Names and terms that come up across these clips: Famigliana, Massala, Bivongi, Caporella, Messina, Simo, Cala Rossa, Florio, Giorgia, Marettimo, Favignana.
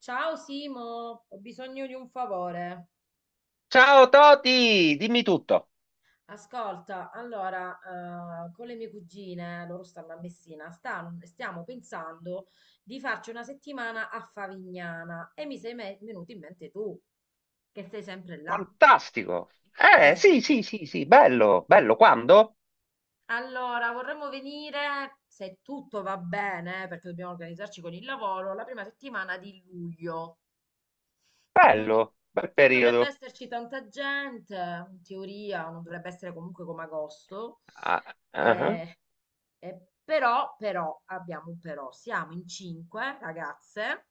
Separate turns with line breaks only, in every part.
Ciao Simo, ho bisogno di un favore.
Ciao Toti, dimmi tutto.
Ascolta, allora, con le mie cugine, loro stanno a Messina, stiamo pensando di farci una settimana a Favignana e venuto in mente tu, che sei sempre là.
Fantastico. Sì,
Ecco,
sì, sì, sì, bello, bello. Quando?
allora, vorremmo venire, se tutto va bene, perché dobbiamo organizzarci con il lavoro, la prima settimana di luglio. Non, dov-
Bello, bel
Non dovrebbe
periodo.
esserci tanta gente, in teoria, non dovrebbe essere comunque come agosto.
Ah, ah, ah.
Eh, però, però, abbiamo un però. Siamo in cinque ragazze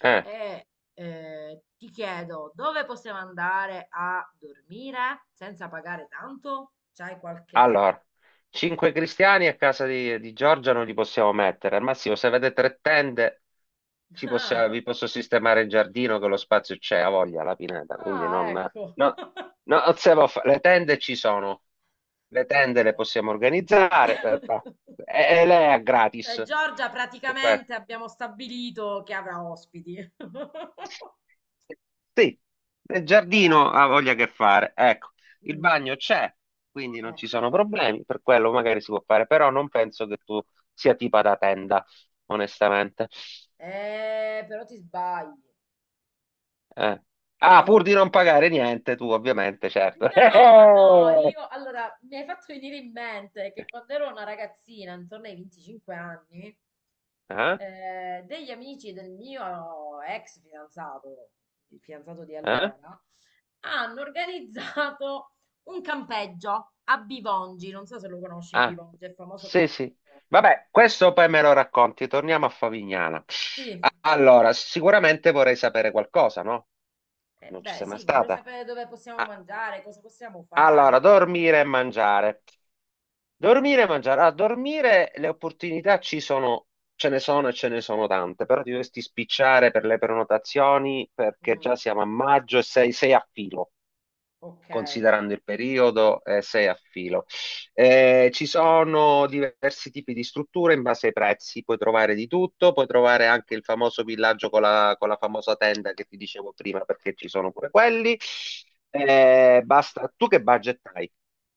Eh.
e ti chiedo dove possiamo andare a dormire senza pagare tanto? C'hai qualche...
Allora, cinque cristiani a casa di Giorgia non li possiamo mettere. Al massimo, se avete tre tende, vi posso sistemare il giardino che lo spazio c'è, a voglia, la pineta. Quindi
Ah, ah,
non, no,
ecco.
no, non siamo fa- le tende ci sono. Le
Ok.
tende le possiamo organizzare. E lei è
Cioè,
gratis.
Giorgia praticamente abbiamo stabilito che avrà ospiti.
Sì, il giardino
Caporella.
ha voglia che fare. Ecco, il
Mm,
bagno c'è, quindi non
eh.
ci sono problemi, per quello magari si può fare, però non penso che tu sia tipa da tenda, onestamente.
Però ti sbagli.
Eh. Ah,
Sei...
pur di non pagare niente, tu ovviamente, certo.
No, no, io allora mi hai fatto venire in mente che quando ero una ragazzina, intorno ai 25 anni,
Eh?
degli amici del mio ex fidanzato, il fidanzato di
Eh?
allora, hanno organizzato un campeggio a Bivongi. Non so se lo conosci,
Ah,
Bivongi, è famoso per
sì,
il
sì.
vino.
Vabbè, questo poi me lo racconti, torniamo a Favignana.
Sì,
Allora, sicuramente vorrei sapere qualcosa, no?
eh
Non ci
beh,
sei mai
sì, vorrei
stata.
sapere dove possiamo
Ah.
mangiare, cosa possiamo
Allora,
fare.
dormire e mangiare. Dormire e mangiare. A dormire le opportunità ci sono, ce ne sono e ce ne sono tante, però ti dovresti spicciare per le prenotazioni perché
Mm.
già siamo a maggio e sei a filo
Ok,
considerando il periodo, sei a filo. Ci sono diversi tipi di strutture in base ai prezzi, puoi trovare di tutto, puoi trovare anche il famoso villaggio con la famosa tenda che ti dicevo prima, perché ci sono pure quelli. Basta, tu che budget hai?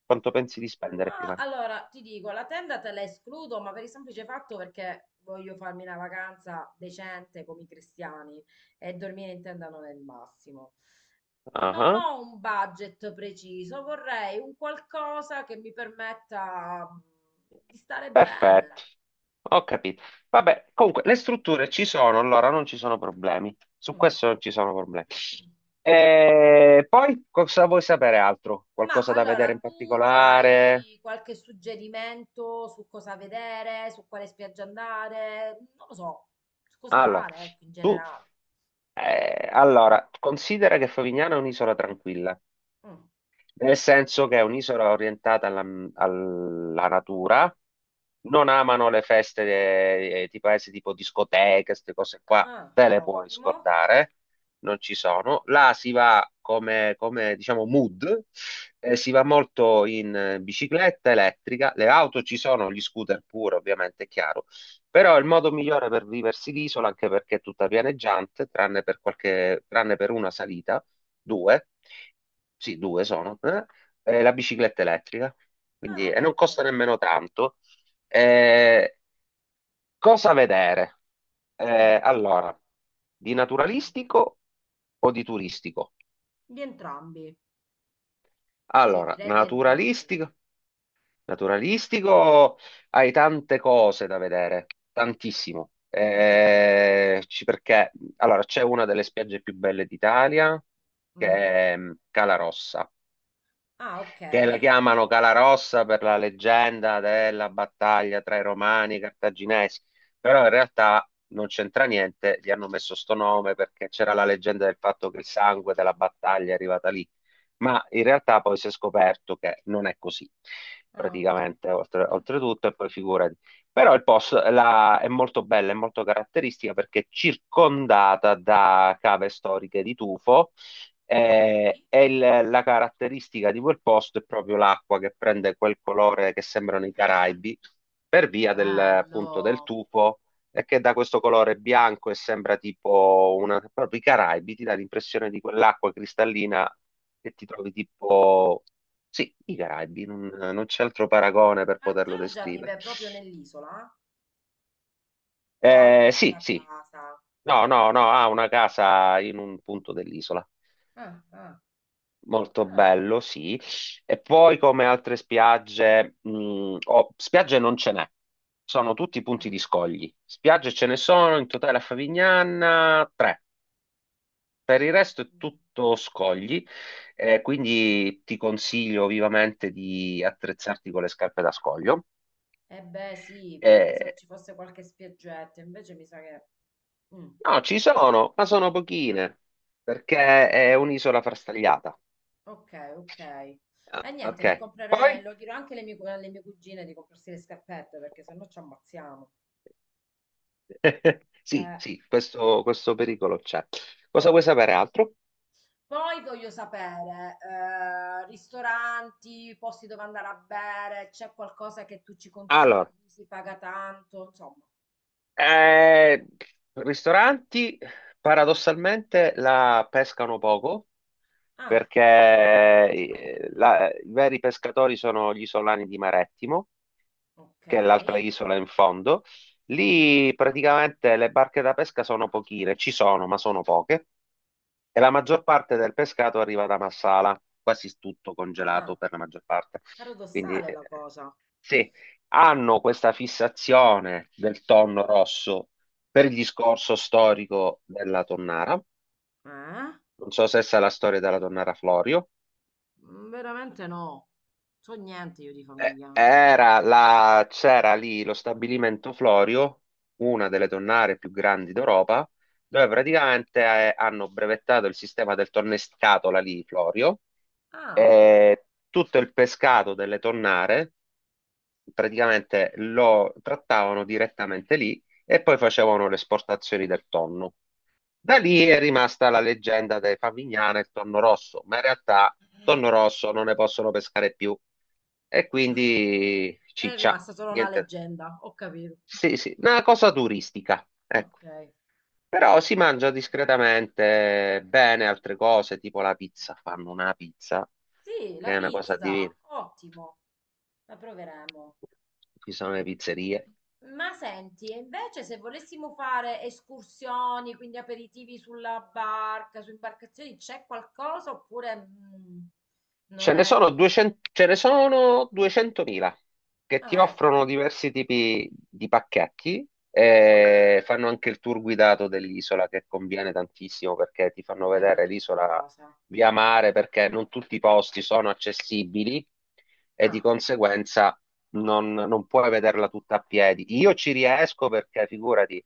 Quanto pensi di spendere
ma
prima?
allora ti dico, la tenda te la escludo, ma per il semplice fatto perché voglio farmi una vacanza decente come i cristiani e dormire in tenda non è il massimo.
Ah,
Non
ah.
ho un budget preciso, vorrei un qualcosa che mi permetta di stare bene.
Perfetto, ho capito. Vabbè, comunque le strutture ci sono, allora non ci sono problemi. Su
Mm.
questo non ci sono problemi. E poi cosa vuoi sapere altro?
Ma
Qualcosa da
allora,
vedere in
tu
particolare?
hai qualche suggerimento su cosa vedere, su quale spiaggia andare? Non lo so, su cosa
Allora,
fare, ecco, in
tu,
generale.
allora, considera che Favignana è un'isola tranquilla.
Mm.
Nel senso che è un'isola orientata alla natura, non amano le feste tipo discoteche, queste cose qua,
Ah,
te le puoi
ottimo.
scordare, non ci sono. Là si va come, diciamo mood, si va molto in bicicletta elettrica, le auto ci sono, gli scooter pure, ovviamente, è chiaro. Però il modo migliore per viversi l'isola, anche perché è tutta pianeggiante, tranne per una salita, due, sì, due sono, e la bicicletta elettrica, quindi,
Ah,
e non costa
ecco.
nemmeno tanto. Eh, cosa vedere?
Mm.
Allora, di naturalistico o di turistico?
Di entrambi. Sì,
Allora,
direi di entrambi.
naturalistico, naturalistico hai tante cose da vedere, tantissimo. Perché allora c'è una delle spiagge più belle d'Italia che
Mm.
è Cala Rossa,
Ah, ok.
che la chiamano Calarossa per la leggenda della battaglia tra i romani e i cartaginesi, però in realtà non c'entra niente, gli hanno messo sto nome perché c'era la leggenda del fatto che il sangue della battaglia è arrivata lì, ma in realtà poi si è scoperto che non è così,
Ah, ok.
praticamente, oltre-
Mm,
oltretutto, e poi figurati. Però il posto è molto bella, è molto caratteristica perché è circondata da cave storiche di tufo,
ok.
e la caratteristica di quel posto è proprio l'acqua che prende quel colore che sembrano i Caraibi per via del, appunto, del
Bello.
tufo e che da questo colore bianco e sembra tipo una, proprio i Caraibi, ti dà l'impressione di quell'acqua cristallina che ti trovi tipo, sì, i Caraibi, non c'è altro paragone per
Ma
poterlo
Giorgia
descrivere.
vive proprio nell'isola? O ha
Sì,
un'altra
sì,
casa?
no, no, no, ha una casa in un punto dell'isola.
Ah, ah,
Molto
ah.
bello, sì. E poi come altre spiagge, oh, spiagge non ce n'è, sono tutti punti di scogli. Spiagge ce ne sono in totale a Favignana tre, per il resto è
Ah.
tutto scogli, quindi ti consiglio vivamente di attrezzarti con le scarpe da scoglio.
Eh beh, sì, io pensavo
Eh,
ci fosse qualche spiaggetta, invece mi sa che... Mm,
no, ci sono, ma sono pochine, perché è un'isola frastagliata.
ok, ok.
Ah,
E niente,
ok,
mi comprerei,
poi?
lo dirò anche alle alle mie cugine di comprarsi le scarpette, perché sennò ci ammazziamo.
Sì,
Eh,
sì, questo pericolo c'è. Cosa vuoi
ok.
sapere altro?
Poi voglio sapere, ristoranti, posti dove andare a bere, c'è qualcosa che tu ci
Allora,
consigli, si paga tanto, insomma.
eh, ristoranti paradossalmente la pescano poco
Ah,
perché i veri pescatori sono gli isolani di Marettimo,
ok.
che è l'altra isola in fondo. Lì praticamente le barche da pesca sono pochine, ci sono, ma sono poche. E la maggior parte del pescato arriva da Massala, quasi tutto
Ah,
congelato per la maggior parte. Quindi
paradossale la cosa.
sì,
Ah,
hanno questa fissazione del tonno rosso per il discorso storico della tonnara.
eh?
Non so se sa la storia della tonnara Florio.
Mm, veramente no. So niente io di Famigliana.
C'era lì lo stabilimento Florio, una delle tonnare più grandi d'Europa, dove praticamente hanno brevettato il sistema del tornescatola lì, Florio,
Ah,
e tutto il pescato delle tonnare praticamente lo trattavano direttamente lì e poi facevano le esportazioni del tonno. Da lì è rimasta la leggenda dei Favignana e il tonno rosso, ma in realtà tonno rosso non ne possono pescare più. E quindi
è
ciccia,
rimasta solo la
niente.
leggenda, ho capito.
Sì, sì, una cosa turistica, ecco.
Ok.
Però si mangia discretamente bene altre cose, tipo la pizza. Fanno una pizza
Sì,
che
la
è una cosa
pizza,
divina.
ottimo, la proveremo.
Ci sono le pizzerie.
Ma senti, e invece se volessimo fare escursioni, quindi aperitivi sulla barca, su imbarcazioni, c'è qualcosa oppure non
Ce ne
è...
sono 200, ce ne sono 200.000 che ti
Ah, ecco,
offrono
quindi
diversi tipi di pacchetti e fanno anche il tour guidato dell'isola che conviene tantissimo perché ti fanno vedere
carina sta
l'isola
cosa.
via mare perché non tutti i posti sono accessibili e di
Ah,
conseguenza non puoi vederla tutta a piedi. Io ci riesco perché figurati,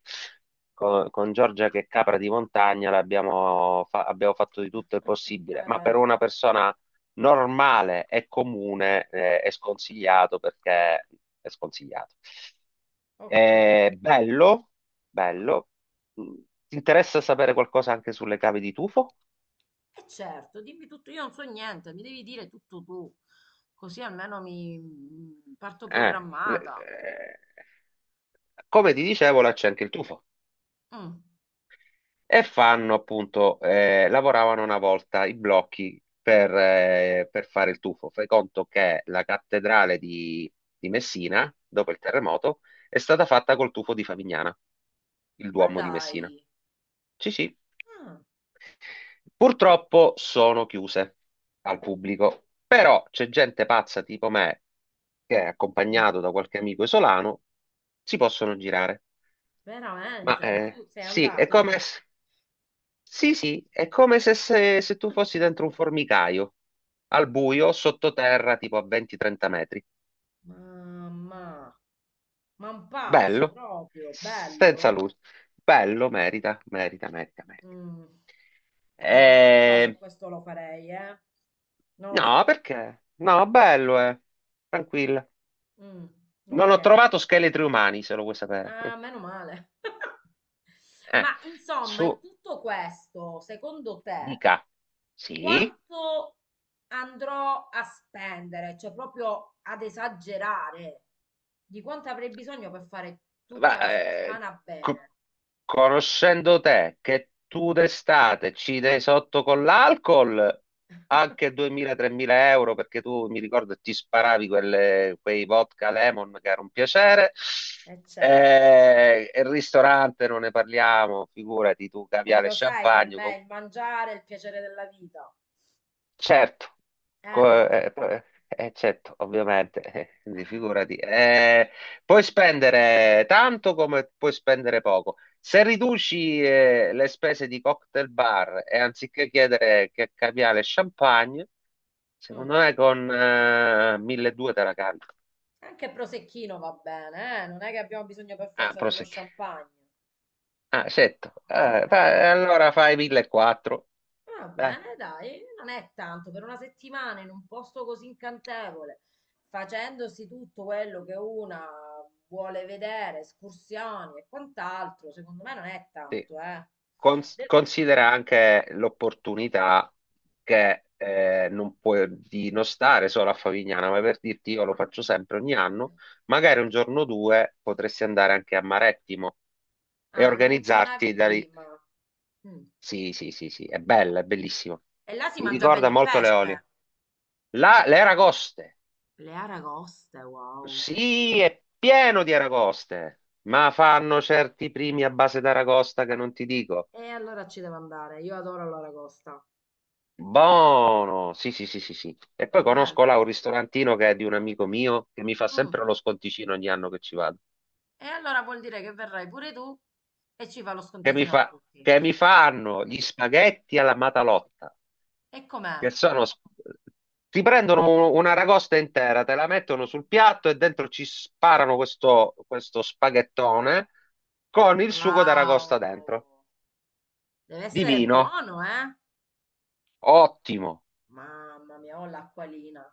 con, Giorgia che è capra di montagna abbiamo fatto di tutto il possibile, ma per
poverella.
una persona normale e comune è sconsigliato perché è sconsigliato.
Ok.
È bello, bello. Mm, Ti interessa sapere qualcosa anche sulle cave di tufo?
E certo, dimmi tutto, io non so niente, mi devi dire tutto tu, così almeno mi parto
Eh, le-
programmata.
eh, come ti dicevo, là c'è anche il tufo.
Mm,
E fanno appunto, lavoravano una volta i blocchi per fare il tuffo. Fai conto che la cattedrale di Messina, dopo il terremoto, è stata fatta col tuffo di Favignana, il
ma
Duomo di Messina.
dai,
Sì, sì.
ah,
Purtroppo sono chiuse al pubblico, però c'è gente pazza tipo me, che è
mm,
accompagnato da qualche amico isolano, si possono girare.
veramente,
Ma
e tu sei
sì, è
andato
come...
quindi.
Sì, sì, è come se tu fossi dentro un formicaio, al buio, sottoterra, tipo a 20-30 metri.
Mamma, ma un pazzo
Bello,
proprio,
senza
bello.
luce. Bello, merita, merita, merita, merita.
Mm, boh, non lo so
Eh,
se questo lo farei, eh. Non lo
No,
so.
perché? No, bello, eh. Tranquilla.
Mm,
Non
ok.
ho trovato scheletri umani, se lo vuoi sapere.
Ah, meno male.
Eh,
Ma insomma, in
Su,
tutto questo, secondo te,
dica. Sì.
quanto andrò a spendere? Cioè, proprio ad esagerare di quanto avrei bisogno per fare tutta
Ma,
la settimana
co-
bene.
conoscendo te, che tu d'estate ci dai sotto con l'alcol anche 2.000-3.000 euro, perché tu mi ricordo ti sparavi quei vodka lemon che era un piacere,
E certo,
e il ristorante non ne parliamo, figurati tu,
eh,
caviale e
lo sai che a
champagne con.
me il mangiare è il piacere della vita.
Certo.
Eh,
Co- eh, eh, certo, ovviamente, quindi
eh,
figurati. Puoi spendere tanto come puoi spendere poco. Se riduci, le spese di cocktail bar e anziché chiedere che caviale e champagne,
mm.
secondo me con 1200 te la cavi.
Anche prosecchino va bene, eh? Non è che abbiamo bisogno per
Ah,
forza dello
prosecchi.
champagne.
Ah, certo. Ah,
Eh.
allora fai 1400.
Va
Dai.
bene, dai, non è tanto per una settimana in un posto così incantevole, facendosi tutto quello che una vuole vedere, escursioni e quant'altro, secondo me non è
Sì.
tanto, eh.
Cons-
Del-
considera anche l'opportunità che non puoi di non stare solo a Favignana, ma per dirti io lo faccio sempre ogni anno, magari un giorno o due potresti andare anche a Marettimo e
ah, lo
organizzarti
menzionavi
da lì.
prima. Mm.
Sì, sì, sì, sì, è bella, è bellissima.
E là si
Mi
mangia bene
ricorda
il
molto le
pesce.
olie. Le aragoste,
Le aragoste, wow.
sì, è pieno di aragoste, ma fanno certi primi a base d'aragosta che non ti dico.
E allora ci devo andare, io adoro l'aragosta.
Buono, sì, sì, sì, sì, sì. E poi conosco
Bello.
là un ristorantino che è di un amico mio che mi fa
Mm.
sempre lo sconticino ogni anno che ci vado.
E allora vuol dire che verrai pure tu e ci fa lo
Che mi
sconticino a
fa,
tutti.
che mi fanno gli spaghetti alla matalotta,
E com'è?
che sono Ti prendono una ragosta intera, te la mettono sul piatto e dentro ci sparano questo spaghettone con il sugo d'aragosta dentro.
Wow, deve essere
Divino,
buono, eh?
ottimo.
Mamma mia, ho l'acquolina.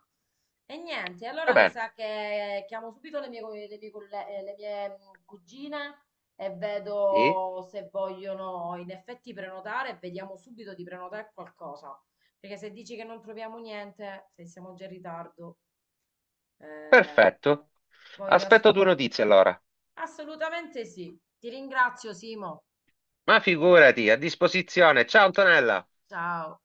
E niente,
Va
allora mi
bene,
sa che chiamo subito le le mie le mie, cugine e
sì,
vedo se vogliono in effetti prenotare e vediamo subito di prenotare qualcosa. Perché se dici che non troviamo niente, se siamo già in ritardo, eh,
perfetto.
voglio
Aspetto tue
assolutamente...
notizie allora.
Assolutamente sì. Ti ringrazio, Simo.
Ma figurati, a disposizione. Ciao Antonella!
Ciao.